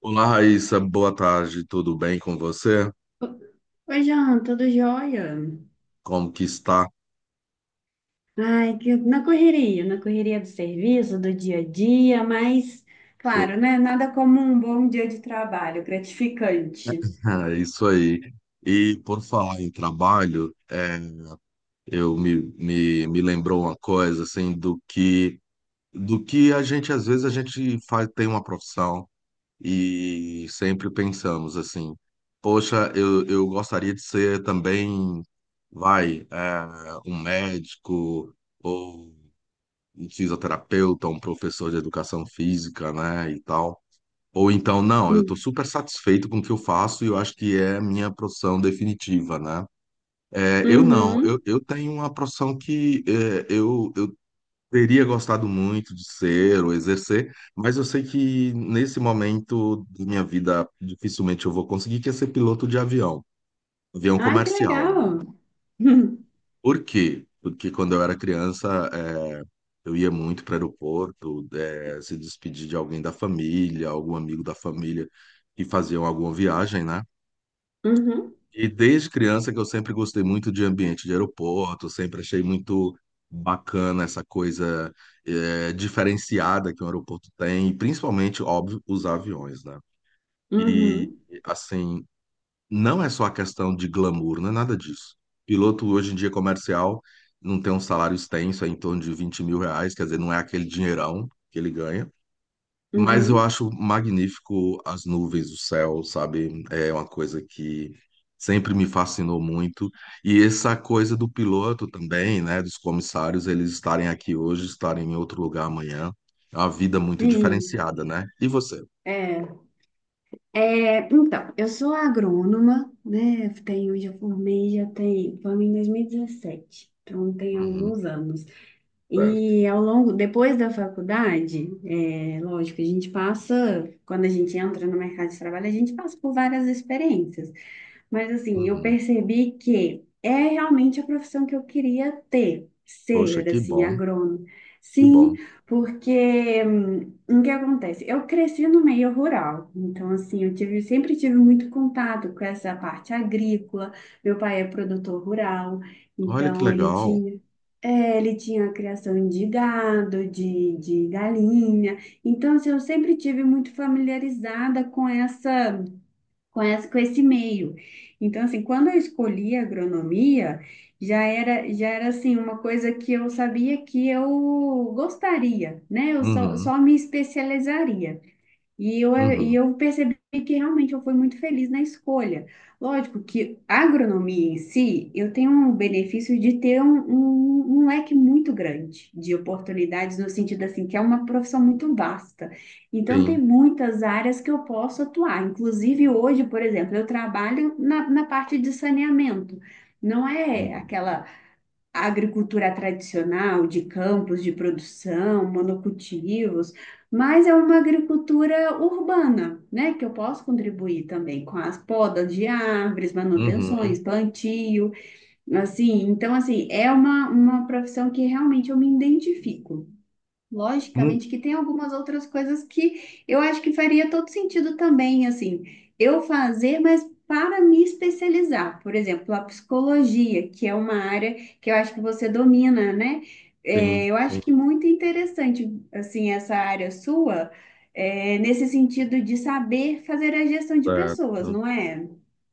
Olá, Raíssa, boa tarde, tudo bem com você? Oi, Jean, tudo jóia? Como que está? Ai, que na correria, do serviço, do dia a dia, mas, claro, né? Nada como um bom dia de trabalho, gratificante. É isso aí. E por falar em trabalho, me lembrou uma coisa assim do que a gente às vezes a gente faz, tem uma profissão e sempre pensamos assim, poxa, eu gostaria de ser também, vai, é, um médico ou um fisioterapeuta, um professor de educação física, né, e tal. Ou então, não, eu estou Hum. super satisfeito com o que eu faço e eu acho que é a minha profissão definitiva, né? É, eu não, Uhum. eu tenho uma profissão que eu teria gostado muito de ser ou exercer, mas eu sei que nesse momento da minha vida dificilmente eu vou conseguir, que é ser piloto de avião, avião Ai, que comercial. legal. Hum. Por quê? Porque quando eu era criança, eu ia muito para o aeroporto, se despedir de alguém da família, algum amigo da família que faziam alguma viagem, né? Uhum, E desde criança que eu sempre gostei muito de ambiente de aeroporto, sempre achei muito bacana essa coisa, é, diferenciada, que um aeroporto tem, e principalmente, óbvio, os aviões, né? E, uhum, assim, não é só a questão de glamour, não é nada disso. Piloto hoje em dia comercial não tem um salário extenso, é em torno de R$ 20.000, quer dizer, não é aquele dinheirão que ele ganha. Mas eu uhum. acho magnífico as nuvens, o céu, sabe? É uma coisa que sempre me fascinou muito. E essa coisa do piloto também, né? Dos comissários, eles estarem aqui hoje, estarem em outro lugar amanhã. É uma vida muito Sim, diferenciada, né? E você? é. É, então, eu sou agrônoma, né? Tenho, já formei, já tem, formei em 2017, então tem Uhum, alguns anos. certo. E ao longo, depois da faculdade, é, lógico, quando a gente entra no mercado de trabalho, a gente passa por várias experiências. Mas assim, eu Uhum. percebi que é realmente a profissão que eu queria ter, Poxa, ser que assim, bom, agrônomo. que Sim, bom. porque o que acontece? Eu cresci no meio rural, então assim, sempre tive muito contato com essa parte agrícola. Meu pai é produtor rural, Olha que então ele legal. tinha. É, ele tinha a criação de gado, de galinha. Então, assim, eu sempre tive muito familiarizada com essa com esse meio. Então, assim, quando eu escolhi a agronomia, já era assim, uma coisa que eu sabia que eu gostaria, né? Eu só, Uhum, só me especializaria. E uhum, eu percebi que realmente eu fui muito feliz na escolha. Lógico que a agronomia em si, eu tenho um benefício de ter um leque muito grande de oportunidades, no sentido assim, que é uma profissão muito vasta. Então, tem sim, muitas áreas que eu posso atuar. Inclusive, hoje, por exemplo, eu trabalho na parte de saneamento. Não é uhum, aquela A agricultura tradicional, de campos de produção, monocultivos, mas é uma agricultura urbana, né? Que eu posso contribuir também com as podas de árvores, manutenções, uhum. plantio, assim. Então, assim, é uma profissão que realmente eu me identifico. Mu- Logicamente que tem algumas outras coisas que eu acho que faria todo sentido também, assim, eu fazer, mas para me especializar. Por exemplo, a psicologia, que é uma área que eu acho que você domina, né? É, Sim, eu acho sim, que muito interessante, assim, essa área sua, é, nesse sentido de saber fazer a gestão de pessoas, certo. não é?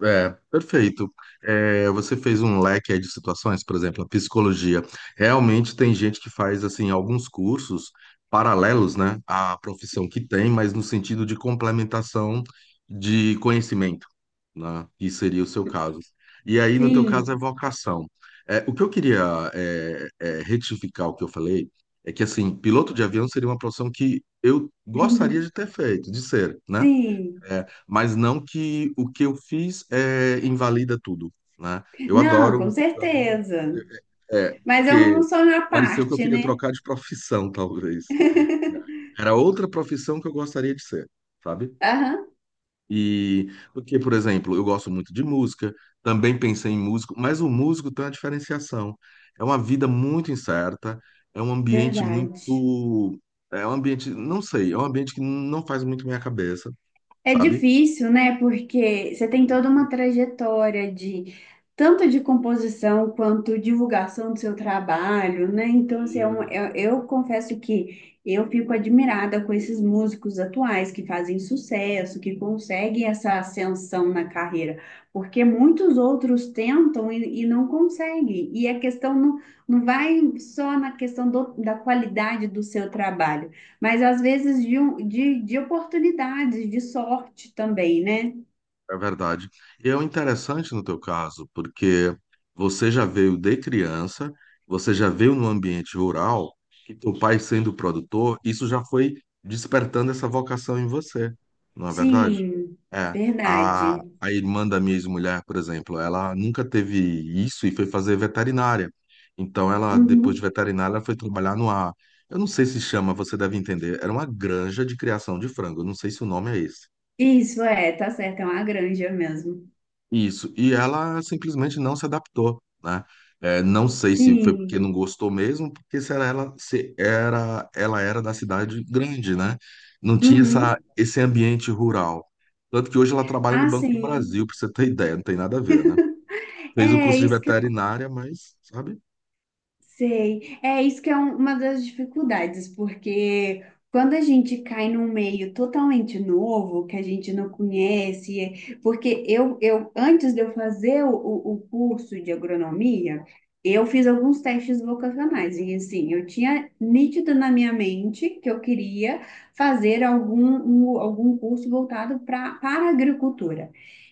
É, perfeito. É, você fez um leque aí de situações, por exemplo, a psicologia. Realmente tem gente que faz assim alguns cursos paralelos, né, à profissão que tem, mas no sentido de complementação de conhecimento, né, que seria o seu caso. E aí, no teu caso, é Sim, vocação. É, o que eu queria retificar o que eu falei é que assim, piloto de avião seria uma profissão que eu gostaria de ter feito, de ser, né? sim. É, mas não que o que eu fiz é, invalida tudo, né? Eu Não, com adoro, eu adoro, certeza. é, Mas é um porque só na pareceu que eu parte, queria né? trocar de profissão, talvez. Era outra profissão que eu gostaria de ser, sabe? Aham, E porque, por exemplo, eu gosto muito de música, também pensei em músico, mas o músico tem uma diferenciação. É uma vida muito incerta, é um ambiente verdade. muito, é um ambiente, não sei, é um ambiente que não faz muito minha cabeça, É sabe? difícil, né? Porque você tem toda uma trajetória de tanto de composição quanto divulgação do seu trabalho, né? Então, assim, eu confesso que eu fico admirada com esses músicos atuais que fazem sucesso, que conseguem essa ascensão na carreira, porque muitos outros tentam e não conseguem. E a questão não, não vai só na questão da qualidade do seu trabalho. Mas às vezes de oportunidades, de sorte também, né? É verdade. E é o interessante no teu caso, porque você já veio de criança, você já veio num ambiente rural, e teu pai sendo produtor, isso já foi despertando essa vocação em você, não é verdade? Sim, É. A, verdade. a irmã da minha ex-mulher, por exemplo, ela nunca teve isso e foi fazer veterinária. Então, ela, depois de Uhum. veterinária, ela foi trabalhar numa. Eu não sei se chama, você deve entender. Era uma granja de criação de frango. Eu não sei se o nome é esse. Isso é, tá certo, é uma granja mesmo. Isso, e ela simplesmente não se adaptou, né? É, não sei se foi porque Sim. não gostou mesmo, porque se era ela, se era, ela era da cidade grande, né? Não tinha essa, Uhum. esse ambiente rural. Tanto que hoje ela trabalha no Ah, Banco do sim. Brasil, para você ter ideia, não tem nada a ver, né? Fez o É, curso de isso. veterinária, mas, sabe? Sei. É isso que é uma das dificuldades, porque quando a gente cai num meio totalmente novo, que a gente não conhece, é- porque eu antes de eu fazer o curso de agronomia, eu fiz alguns testes vocacionais, e assim, eu tinha nítido na minha mente que eu queria fazer algum curso voltado para a agricultura.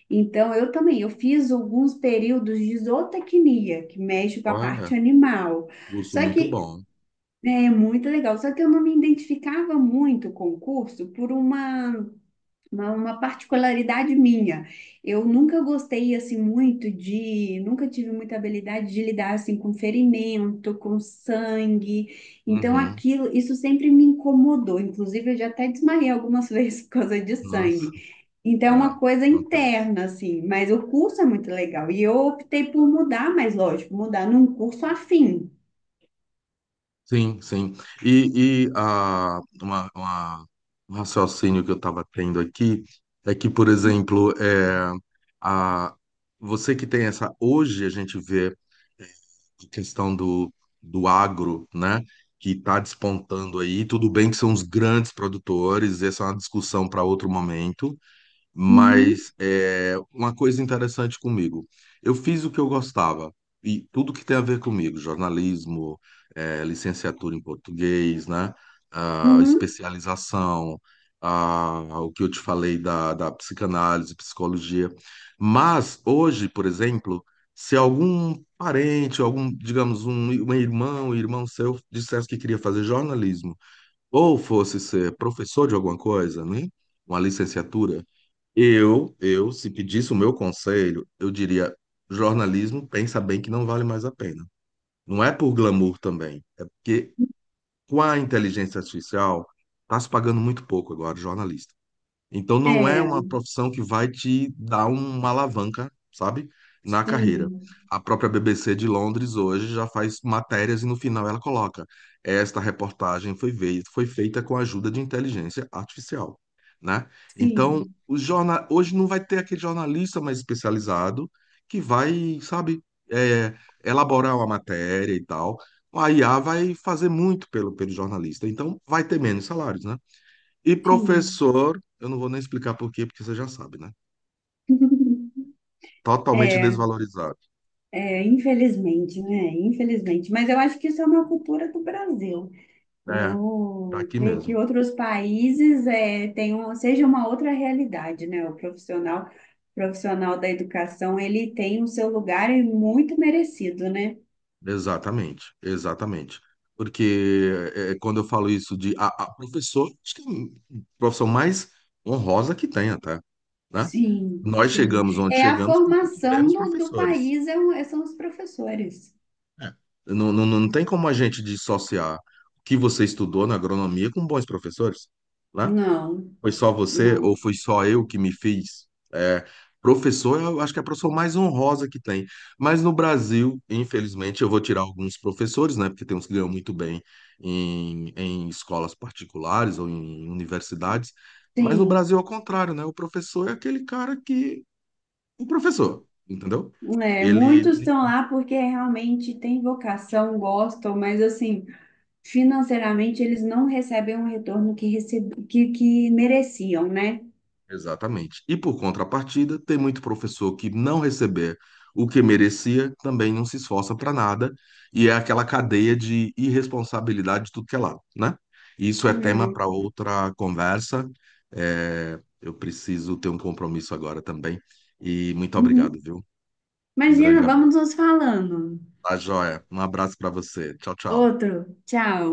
Então, eu também, eu fiz alguns períodos de zootecnia, que mexe com a parte Olha, animal. curso Só muito que bom. é muito legal, só que eu não me identificava muito com o curso por uma particularidade minha. Eu nunca gostei assim muito de, nunca tive muita habilidade de lidar assim com ferimento, com sangue. Então Uhum, aquilo, isso sempre me incomodou. Inclusive eu já até desmaiei algumas vezes por causa de nossa, sangue. Então é é, uma coisa acontece. interna assim, mas o curso é muito legal e eu optei por mudar, mas lógico, mudar num curso afim. Sim, sim. E, e ah, uma, uma- Um raciocínio que eu estava tendo aqui é que, por exemplo, é, a, você que tem essa. Hoje a gente vê, é, a questão do agro, né? Que está despontando aí. Tudo bem que são os grandes produtores, essa é uma discussão para outro momento, Uhum. mas é, uma coisa interessante comigo, eu fiz o que eu gostava e tudo que tem a ver comigo, jornalismo, é, licenciatura em português, né? Ah, Uhum. especialização, ah, o que eu te falei da psicanálise, psicologia. Mas hoje, por exemplo, se algum parente, algum, digamos, um, um irmão seu dissesse que queria fazer jornalismo ou fosse ser professor de alguma coisa, né? Uma licenciatura, eu, se pedisse o meu conselho, eu diria: jornalismo, pensa bem que não vale mais a pena. Não é por glamour também, é porque com a inteligência artificial está se pagando muito pouco agora, jornalista. Então não é É, uma profissão que vai te dar uma alavanca, sabe, na carreira. sim, A própria BBC de Londres hoje já faz matérias e no final ela coloca: esta reportagem foi feita com a ajuda de inteligência artificial, né? Então, sim, o jornal hoje não vai ter aquele jornalista mais especializado que vai, sabe, é, elaborar uma matéria e tal. A IA vai fazer muito pelo jornalista, então vai ter menos salários, né? E sim. professor, eu não vou nem explicar por quê, porque você já sabe, né? Totalmente É, desvalorizado. é, infelizmente, né? Infelizmente. Mas eu acho que isso é uma cultura do Brasil. É, Eu daqui creio que mesmo. outros países é, tenham, seja uma outra realidade, né? Profissional da educação, ele tem o seu lugar e muito merecido, né? Exatamente, exatamente. Porque quando eu falo isso de a professor, acho que é a profissão mais honrosa que tem até, né? Sim, Nós sim. chegamos onde É a chegamos porque formação tivemos do professores. país, é um- são os professores. É. Não tem como a gente dissociar o que você estudou na agronomia com bons professores, né? Não, Foi só você ou não. foi só eu que me fiz? É, professor, eu acho que é a profissão mais honrosa que tem. Mas no Brasil, infelizmente, eu vou tirar alguns professores, né? Porque tem uns que ganham muito bem em escolas particulares ou em universidades. Mas no Brasil, Sim. ao contrário, né? O professor é aquele cara que. O professor, entendeu? É, muitos Ele, estão lá porque realmente têm vocação, gostam, mas assim, financeiramente eles não recebem o retorno que mereciam, né? exatamente. E por contrapartida, tem muito professor que não receber o que merecia, também não se esforça para nada, e é aquela cadeia de irresponsabilidade de tudo que é lado, né? Isso é tema É. para outra conversa. É, eu preciso ter um compromisso agora também. E muito obrigado, Uhum. viu? Um Imagina, grande vamos abraço. nos falando. Tá, joia. Um abraço para você. Tchau, tchau. Outro, tchau.